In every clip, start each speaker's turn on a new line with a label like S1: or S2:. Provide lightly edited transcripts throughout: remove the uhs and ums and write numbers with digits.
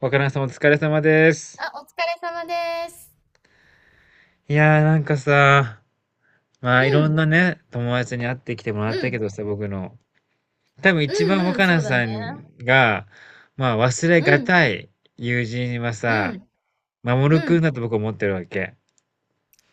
S1: わからんさまお疲れ様です。
S2: あ、お疲れ様です。
S1: いやーさ、い
S2: う
S1: ろん
S2: ん、
S1: なね、友達に会ってきてもら
S2: う
S1: ったけ
S2: ん、
S1: どさ、僕の。多分
S2: う
S1: 一番
S2: ん、うん、
S1: 若
S2: そ
S1: 菜
S2: うだね。
S1: さんが、まあ忘れ
S2: う
S1: が
S2: ん、
S1: たい友人は
S2: う
S1: さ、
S2: ん、
S1: 守
S2: う
S1: くん
S2: ん。
S1: だと僕思ってるわけ。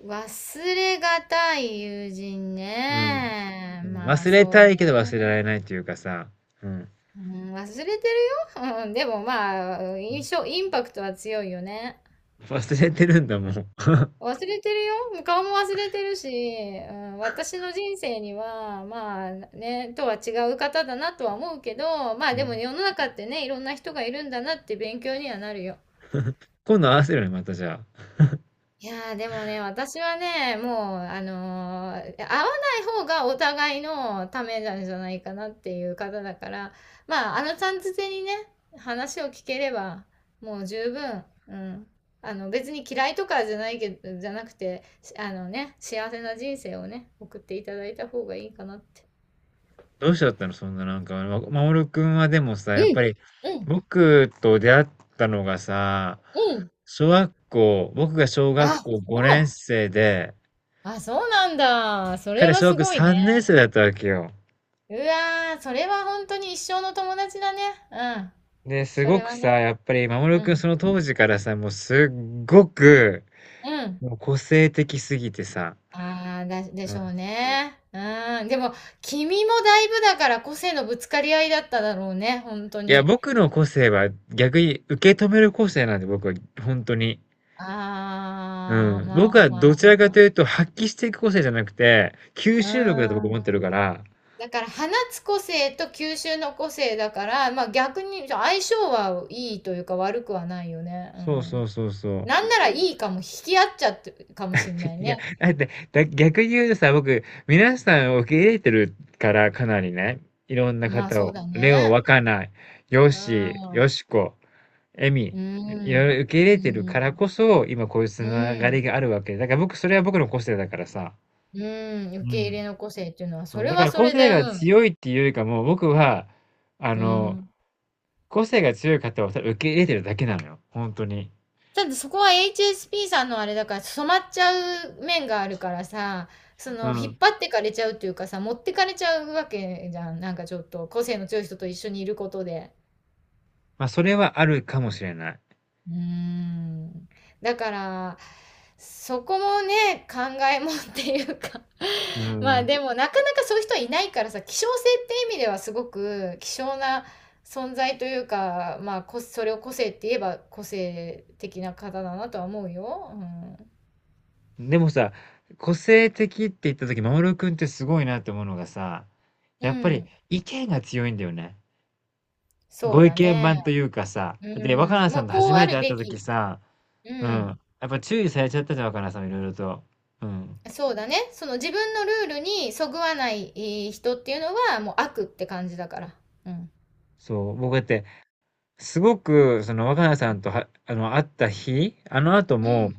S2: 忘れがたい友人
S1: うん。
S2: ね。
S1: うん、
S2: まあ、
S1: 忘れ
S2: そう
S1: たいけ
S2: ね。
S1: ど忘れられないというかさ、うん。
S2: うん、忘れてるよ。うん、でもまあ、印象、インパクトは強いよね。
S1: 忘れてるんだもん。
S2: 忘れてるよ。顔も忘れてるし、うん、私の人生には、まあね、とは違う方だなとは思うけど、まあ
S1: う
S2: でも
S1: ん、
S2: 世の中ってね、いろんな人がいるんだなって勉強にはなるよ。
S1: 今度合わせるね、またじゃあ。
S2: いやーでもね、私はね、もう、会わない方がお互いのためなんじゃないかなっていう方だから、まあ、あのちゃんづてにね、話を聞ければ、もう十分、うん。あの、別に嫌いとかじゃないけど、じゃなくて、し、あのね、幸せな人生をね、送っていただいた方がいいかなって。
S1: どうしちゃったの？そんな守君はでもさ、
S2: う
S1: やっぱ
S2: ん、
S1: り、
S2: うん、
S1: 僕と出会ったのがさ、
S2: うん。
S1: 小学校僕が小学
S2: あ、
S1: 校
S2: そ
S1: 5年
S2: う。
S1: 生で、
S2: あ、そうなんだ。それ
S1: 彼
S2: は
S1: 小
S2: す
S1: 学
S2: ごい
S1: 3年生
S2: ね。
S1: だったわけよ。
S2: うわー、それは本当に一生の友達だね。うん。
S1: で、す
S2: そ
S1: ご
S2: れ
S1: く
S2: は
S1: さ、
S2: ね、
S1: やっぱり
S2: う
S1: 守君
S2: ん、
S1: その当時からさ、もうすっごく、
S2: うん。
S1: もう個性的すぎてさ、
S2: ああ、で
S1: う
S2: し
S1: ん。
S2: ょうね。うん、でも、君もだいぶだから個性のぶつかり合いだっただろうね、本当
S1: いや、
S2: に。
S1: 僕の個性は逆に受け止める個性なんで、僕は、本当に。う
S2: ああ、
S1: ん。
S2: ま
S1: 僕
S2: あ
S1: はど
S2: ま
S1: ちら
S2: あ
S1: かと
S2: ま
S1: いうと、発揮していく個性じゃなくて、吸収力だと
S2: あ。
S1: 僕
S2: う
S1: 思っ
S2: ん。
S1: てるから。
S2: だから放つ個性と吸収の個性だから、まあ逆に相性はいいというか悪くはないよね。う
S1: そうそ
S2: ん。
S1: うそうそう。
S2: なんならいいかも、引き合っちゃってるかもしんな い
S1: いや、
S2: ね。
S1: だって、逆に言うとさ、僕、皆さんを受け入れてるから、かなりね、いろんな
S2: まあ
S1: 方
S2: そう
S1: を、
S2: だ
S1: レオ、わ
S2: ね。
S1: かない、ヨッ
S2: う
S1: シー、ヨ
S2: ん。
S1: シコ、エミ、
S2: う
S1: いろい
S2: ん。
S1: ろ受け入
S2: うー
S1: れてるからこ
S2: ん。
S1: そ、今こういうつ
S2: う
S1: な
S2: ー
S1: がり
S2: ん。
S1: があるわけ。だから僕、それは僕の個性だからさ。
S2: うん、
S1: う
S2: 受け入れ
S1: ん。
S2: の個性っていうのは、そ
S1: そう。
S2: れ
S1: だか
S2: は
S1: ら
S2: そ
S1: 個
S2: れ
S1: 性
S2: で、
S1: が
S2: うん。
S1: 強いっていうよりかも、僕は、あ
S2: う
S1: の、
S2: ん。
S1: 個性が強い方をただ受け入れてるだけなのよ、ほんとに。
S2: ただそこは HSP さんのあれだから、染まっちゃう面があるからさ、そ
S1: う
S2: の、引っ
S1: ん。
S2: 張ってかれちゃうっていうかさ、持ってかれちゃうわけじゃん。なんかちょっと、個性の強い人と一緒にいることで。
S1: ま、あそれはあるかもしれない。
S2: うーん。だから、そこもね、考えもんっていうか
S1: うー
S2: まあ
S1: ん。
S2: でもなかなかそういう人はいないからさ、希少性って意味ではすごく希少な存在というか、まあこ、それを個性って言えば個性的な方だなとは思うよ。うん。
S1: でもさ、個性的って言った時、守君ってすごいなって思うのがさ、
S2: う
S1: やっぱり
S2: ん。
S1: 意見が強いんだよね。
S2: そう
S1: ご意
S2: だ
S1: 見
S2: ね。
S1: 番というかさ、で、若
S2: う
S1: 菜
S2: ん。
S1: さ
S2: も
S1: ん
S2: う
S1: と初
S2: こうあ
S1: めて
S2: る
S1: 会った
S2: べ
S1: 時
S2: き。
S1: さ、
S2: う
S1: うん、
S2: ん。
S1: やっぱ注意されちゃったじゃん、若菜さんいろいろと。うん。
S2: そうだね。その自分のルールにそぐわない人っていうのはもう悪って感じだから。うん。
S1: そう、僕だって、すごくその若菜さんとは会った日、あの後
S2: う
S1: も
S2: ん。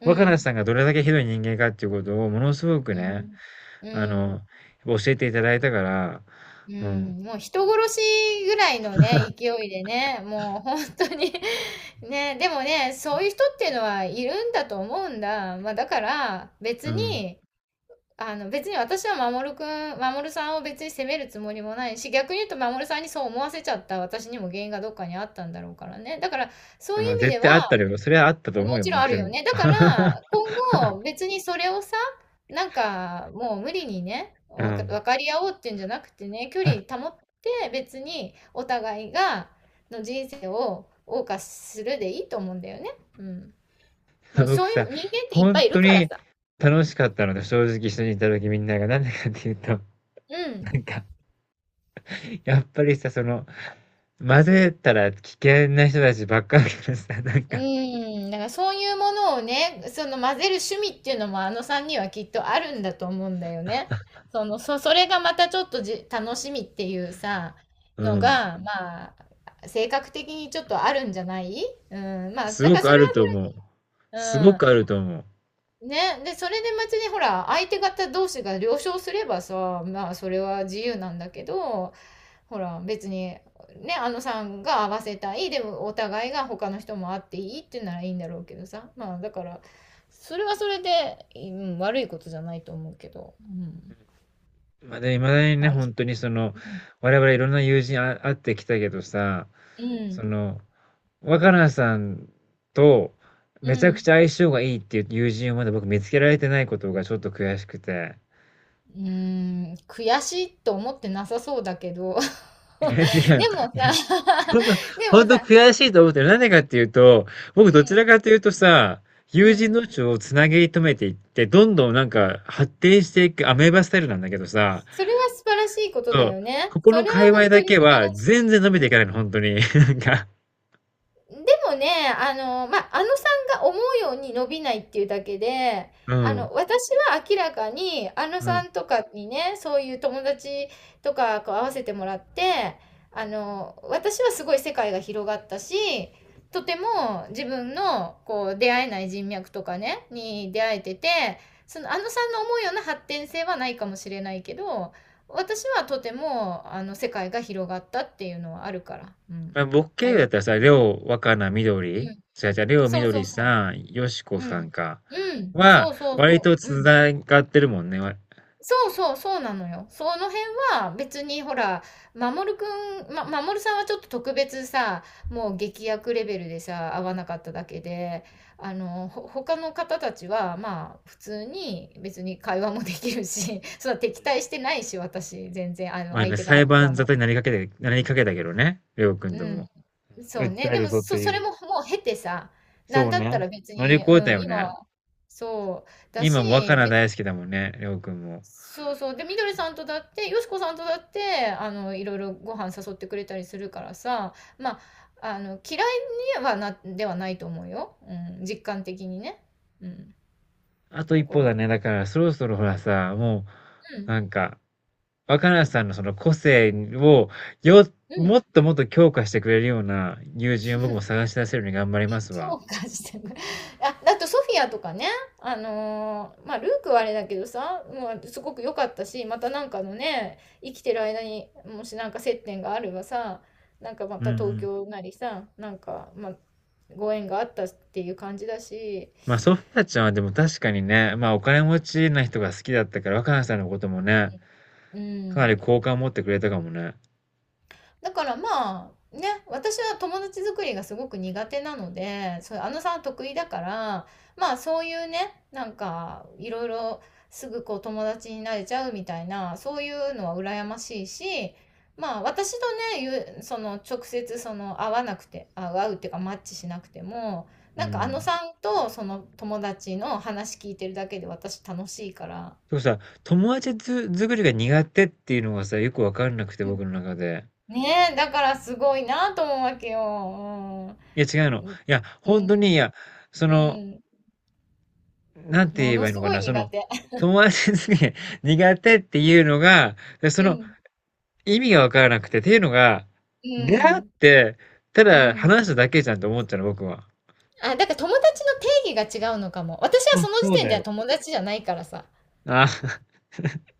S2: う
S1: 若菜
S2: ん、
S1: さんがどれだけひどい人間かっていうことをものすごく
S2: う
S1: ね、
S2: ん、う
S1: あ
S2: ん、
S1: の、教えていただいたから、
S2: う
S1: うん、
S2: ん、もう人殺しぐらいのね、勢いでね、もう本当に ね、でもね、そういう人っていうのはいるんだと思うんだ。まあだから
S1: う
S2: 別
S1: ん。
S2: に、あの別に私は守くん、守さんを別に責めるつもりもないし、逆に言うと守さんにそう思わせちゃった私にも原因がどっかにあったんだろうからね。だからそういう
S1: まあ、
S2: 意味
S1: 絶
S2: で
S1: 対あっ
S2: は、
S1: たよ。それはあったと
S2: も
S1: 思うよ、
S2: ちろ
S1: も
S2: んあ
S1: ち
S2: る
S1: ろ
S2: よ
S1: ん。
S2: ね。だから、今後別にそれをさ、なんかもう無理にね、
S1: うん。
S2: 分かり合おうっていうんじゃなくてね、距離 保って別にお互いがの人生を謳歌するでいいと思うんだよね。うん。もう
S1: 僕
S2: そうい
S1: さ、
S2: う人間っていっ
S1: 本
S2: ぱいい
S1: 当
S2: るから
S1: に
S2: さ。
S1: 楽しかったので、正直一緒にいた時みんなが、なんでかっていうと、
S2: う
S1: な
S2: ん。
S1: んか、やっぱりさ、その、混ぜたら危険な人たちばっかりだからさ、なん
S2: う
S1: か、
S2: ーん、だからそういうものをね、その混ぜる趣味っていうのもあのさんにはきっとあるんだと思うんだよね。それがまたちょっと楽しみっていうさ、
S1: う
S2: の
S1: ん、
S2: が、まあ、性格的にちょっとあるんじゃない。うん、まあ、
S1: す
S2: だ
S1: ご
S2: から
S1: く
S2: そ
S1: あ
S2: れは
S1: る
S2: そ
S1: と
S2: れ、
S1: 思う。すごくあると思う。
S2: うん、ね、で、それで別にほら、相手方同士が了承すればさ、まあ、それは自由なんだけど、ほら別にね、あのさんが合わせたい、でもお互いが他の人も会っていいっていうならいいんだろうけどさ、まあ、だからそれはそれで、うん、悪いことじゃないと思うけど、うん、
S1: まだ、いまだに
S2: ま
S1: ね、
S2: あ、
S1: 本当にその、
S2: うん、
S1: 我々いろんな友人会ってきたけどさ、
S2: う
S1: そ
S2: ん、
S1: の、若菜さんと
S2: う
S1: めちゃくち
S2: ん、
S1: ゃ相性がいいっていう友人をまだ僕見つけられてないことがちょっと悔しくて。
S2: うん、悔しいと思ってなさそうだけど
S1: いや、違う。
S2: でもさ
S1: ほんと、
S2: でも
S1: ほんと
S2: さ、
S1: 悔しいと思ってる。なんでかっていうと、僕どちらかというとさ、
S2: うん、
S1: 友人
S2: うん、
S1: 同士をつなぎ止めていって、どんどんなんか発展していくアメーバスタイルなんだけどさ、
S2: それは素晴らしいこと
S1: そ
S2: だ
S1: う、
S2: よ
S1: こ
S2: ね。
S1: こ
S2: それ
S1: の
S2: は
S1: 界隈
S2: 本
S1: だ
S2: 当に
S1: け
S2: 素晴
S1: は
S2: らし
S1: 全然伸びてい
S2: い。
S1: かないの、本当に。なんか、
S2: でもね、あの、ま、あ、あのさんが思うように伸びないっていうだけで、
S1: う
S2: あ
S1: ん。
S2: の、私は明らかに、あの
S1: うん。
S2: さんとかにね、そういう友達とかこう合わせてもらって、あの、私はすごい世界が広がったし、とても自分のこう出会えない人脈とかね、に出会えてて、そのあのさんの思うような発展性はないかもしれないけど、私はとてもあの世界が広がったっていうのはあるから。うん。
S1: まあ、僕経
S2: あ
S1: 由
S2: り
S1: だ
S2: が
S1: っ
S2: と
S1: たら
S2: う
S1: さ、
S2: ござ
S1: り
S2: いま
S1: ょう、若菜、みど
S2: す。
S1: りじゃ違う、りょう、み
S2: そう
S1: ど
S2: そ
S1: り
S2: うそ
S1: さん、よしこ
S2: う。う
S1: さん
S2: ん。
S1: か。
S2: うん。
S1: は、
S2: そうそう
S1: 割
S2: そ
S1: と
S2: う。うん。
S1: 繋がってるもんね。わ
S2: そうそうそうなのよ。その辺は別にほら、まもるくん、ま、まもるさんはちょっと特別さ、もう劇薬レベルでさ、合わなかっただけで、他の方たちは、まあ、普通に別に会話もできるし、そう、敵対してないし、私、全然、あの、
S1: まあ
S2: 相
S1: ね、
S2: 手
S1: 裁
S2: 側は
S1: 判沙
S2: も
S1: 汰になりかけたけどね、りょうくん
S2: う。
S1: と
S2: う
S1: も。
S2: ん。そう
S1: 訴
S2: ね。
S1: え
S2: で
S1: る
S2: も、
S1: ぞってい
S2: それ
S1: う。
S2: ももう経てさ、な
S1: そ
S2: ん
S1: う
S2: だった
S1: ね。
S2: ら別
S1: 乗り越
S2: に、う
S1: えた
S2: ん、
S1: よ
S2: 今、
S1: ね。
S2: そう、だ
S1: 今も若
S2: し、
S1: 菜
S2: 別、
S1: 大好きだもんね、りょうくんも。
S2: そうそう。で、みどりさんとだって、よしこさんとだって、あの、いろいろご飯誘ってくれたりするからさ、まあ、あの、嫌いにはな、ではないと思うよ。うん、実感的にね。うん。
S1: あと
S2: だ
S1: 一
S2: か
S1: 歩だ
S2: ら、
S1: ね。だから、そろそろほらさ、も
S2: う
S1: う、
S2: ん、
S1: なんか、若菜さんのその個性を、よ、
S2: うん。
S1: もっともっと強化してくれるような友人を僕も探し出せるように頑張りますわ。
S2: 強化してくれ あ、だとソフィアとかね、まあルークはあれだけどさ、もうすごく良かったし、またなんかのね、生きてる間にもしなんか接点があればさ、なんかま
S1: うん
S2: た
S1: う
S2: 東
S1: ん。
S2: 京なりさ、なんか、まあ、ご縁があったっていう感じだし、
S1: まあ、ソフィアちゃんはでも確かにね、まあ、お金持ちな人が好きだったから、若菜さんのこともね、
S2: う
S1: かなり
S2: ん、
S1: 好感を持ってくれたかもね。
S2: だからまあね、私は友達作りがすごく苦手なので、そうあのさんは得意だから、まあそういうね、なんかいろいろすぐこう友達になれちゃうみたいな、そういうのは羨ましいし、まあ私とね、その直接その会わなくてあ会うっていうかマッチしなくても、
S1: う
S2: なんかあの
S1: ん。
S2: さんとその友達の話聞いてるだけで私楽しいから。
S1: でもさ、友達づ、作りが苦手っていうのがさ、よくわかんなくて、
S2: うん、
S1: 僕の中で。
S2: ねえ、だからすごいなと思うわけよ。うん、
S1: いや、違うの。い
S2: うん、
S1: や、
S2: う
S1: 本当に、い
S2: ん、
S1: や、そ
S2: う
S1: の、
S2: ん。
S1: なんて言
S2: も
S1: え
S2: の
S1: ばいい
S2: す
S1: のか
S2: ごい
S1: な、そ
S2: 苦
S1: の、
S2: 手。
S1: 友達に 苦手っていうのが、そ
S2: う
S1: の
S2: ん、
S1: 意味がわからなくて、っていうのが、
S2: う
S1: 出会っ
S2: ん、
S1: て、た
S2: う
S1: だ
S2: ん。
S1: 話しただけじゃんと思っちゃうの、僕は。
S2: あ、だから友達の定義が違うのかも。私は
S1: そう
S2: その時
S1: そう
S2: 点
S1: だ
S2: では
S1: よ。
S2: 友達じゃないからさ。
S1: あ、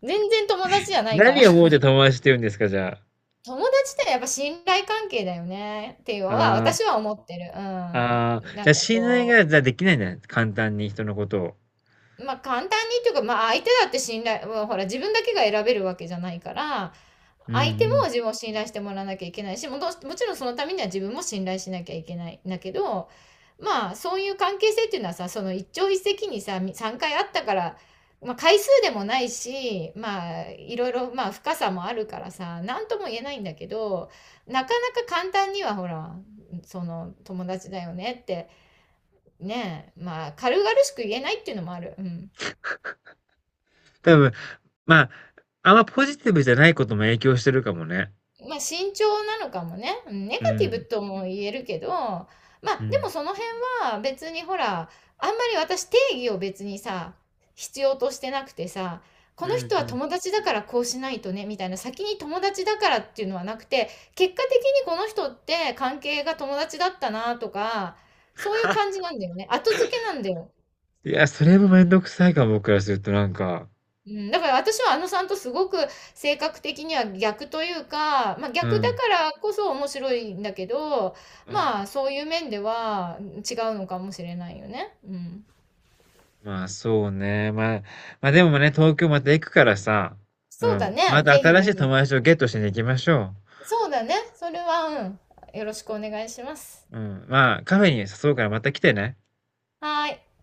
S2: 全然友達じゃないから。
S1: 何を思う て友達って言うんですか、じゃあ。
S2: 友達ってやっぱ信頼関係だよねっていうのは
S1: あー、
S2: 私は思ってる。う
S1: あ
S2: ん。
S1: ー、
S2: な
S1: じゃ
S2: ん
S1: あ
S2: か
S1: 信頼
S2: こ
S1: が、じゃあできないんだね。簡単に人のことを。
S2: う、まあ簡単にっていうか、まあ相手だって信頼、もうほら自分だけが選べるわけじゃないから、
S1: う
S2: 相手
S1: ん
S2: も
S1: うん。
S2: 自分を信頼してもらわなきゃいけないし、もちろんそのためには自分も信頼しなきゃいけないんだけど、まあそういう関係性っていうのはさ、その一朝一夕にさ3回あったから、まあ、回数でもないし、まあいろいろ、まあ深さもあるからさ、何とも言えないんだけど、なかなか簡単にはほら、その友達だよねってね、まあ軽々しく言えないっていうのもある。うん、
S1: 多分、まあ、あんまポジティブじゃないことも影響してるかもね。
S2: まあ、慎重なのかもね。うん、ネガ
S1: う
S2: ティブ
S1: ん。
S2: とも言えるけど、ま
S1: う
S2: あ、で
S1: ん。
S2: もその辺は別にほら、あんまり私定義を別にさ、必要としてなくてさ、こ
S1: う
S2: の
S1: ん
S2: 人は
S1: うん。
S2: 友達だからこうしないとね、みたいな、先に友達だからっていうのはなくて、結果的にこの人って関係が友達だったなとか、そういう感じなんだよね。後付けなんだよ。
S1: いや、それもめんどくさいかも、僕からするとなんか。
S2: うん、だから私はあのさんとすごく性格的には逆というか、まあ、
S1: う
S2: 逆だ
S1: ん。
S2: からこそ面白いんだけど、
S1: うん。
S2: まあそういう面では違うのかもしれないよね。うん。
S1: まあ、そうね。まあ、ま、でもね、東京また行くからさ、う
S2: そうだ
S1: ん。ま
S2: ね。
S1: た
S2: ぜひ
S1: 新し
S2: ぜ
S1: い友
S2: ひ。
S1: 達をゲットしに行きましょ
S2: そうだね。それは、うん。よろしくお願いします。
S1: う。うん。まあ、カフェに誘うからまた来てね。
S2: はーい。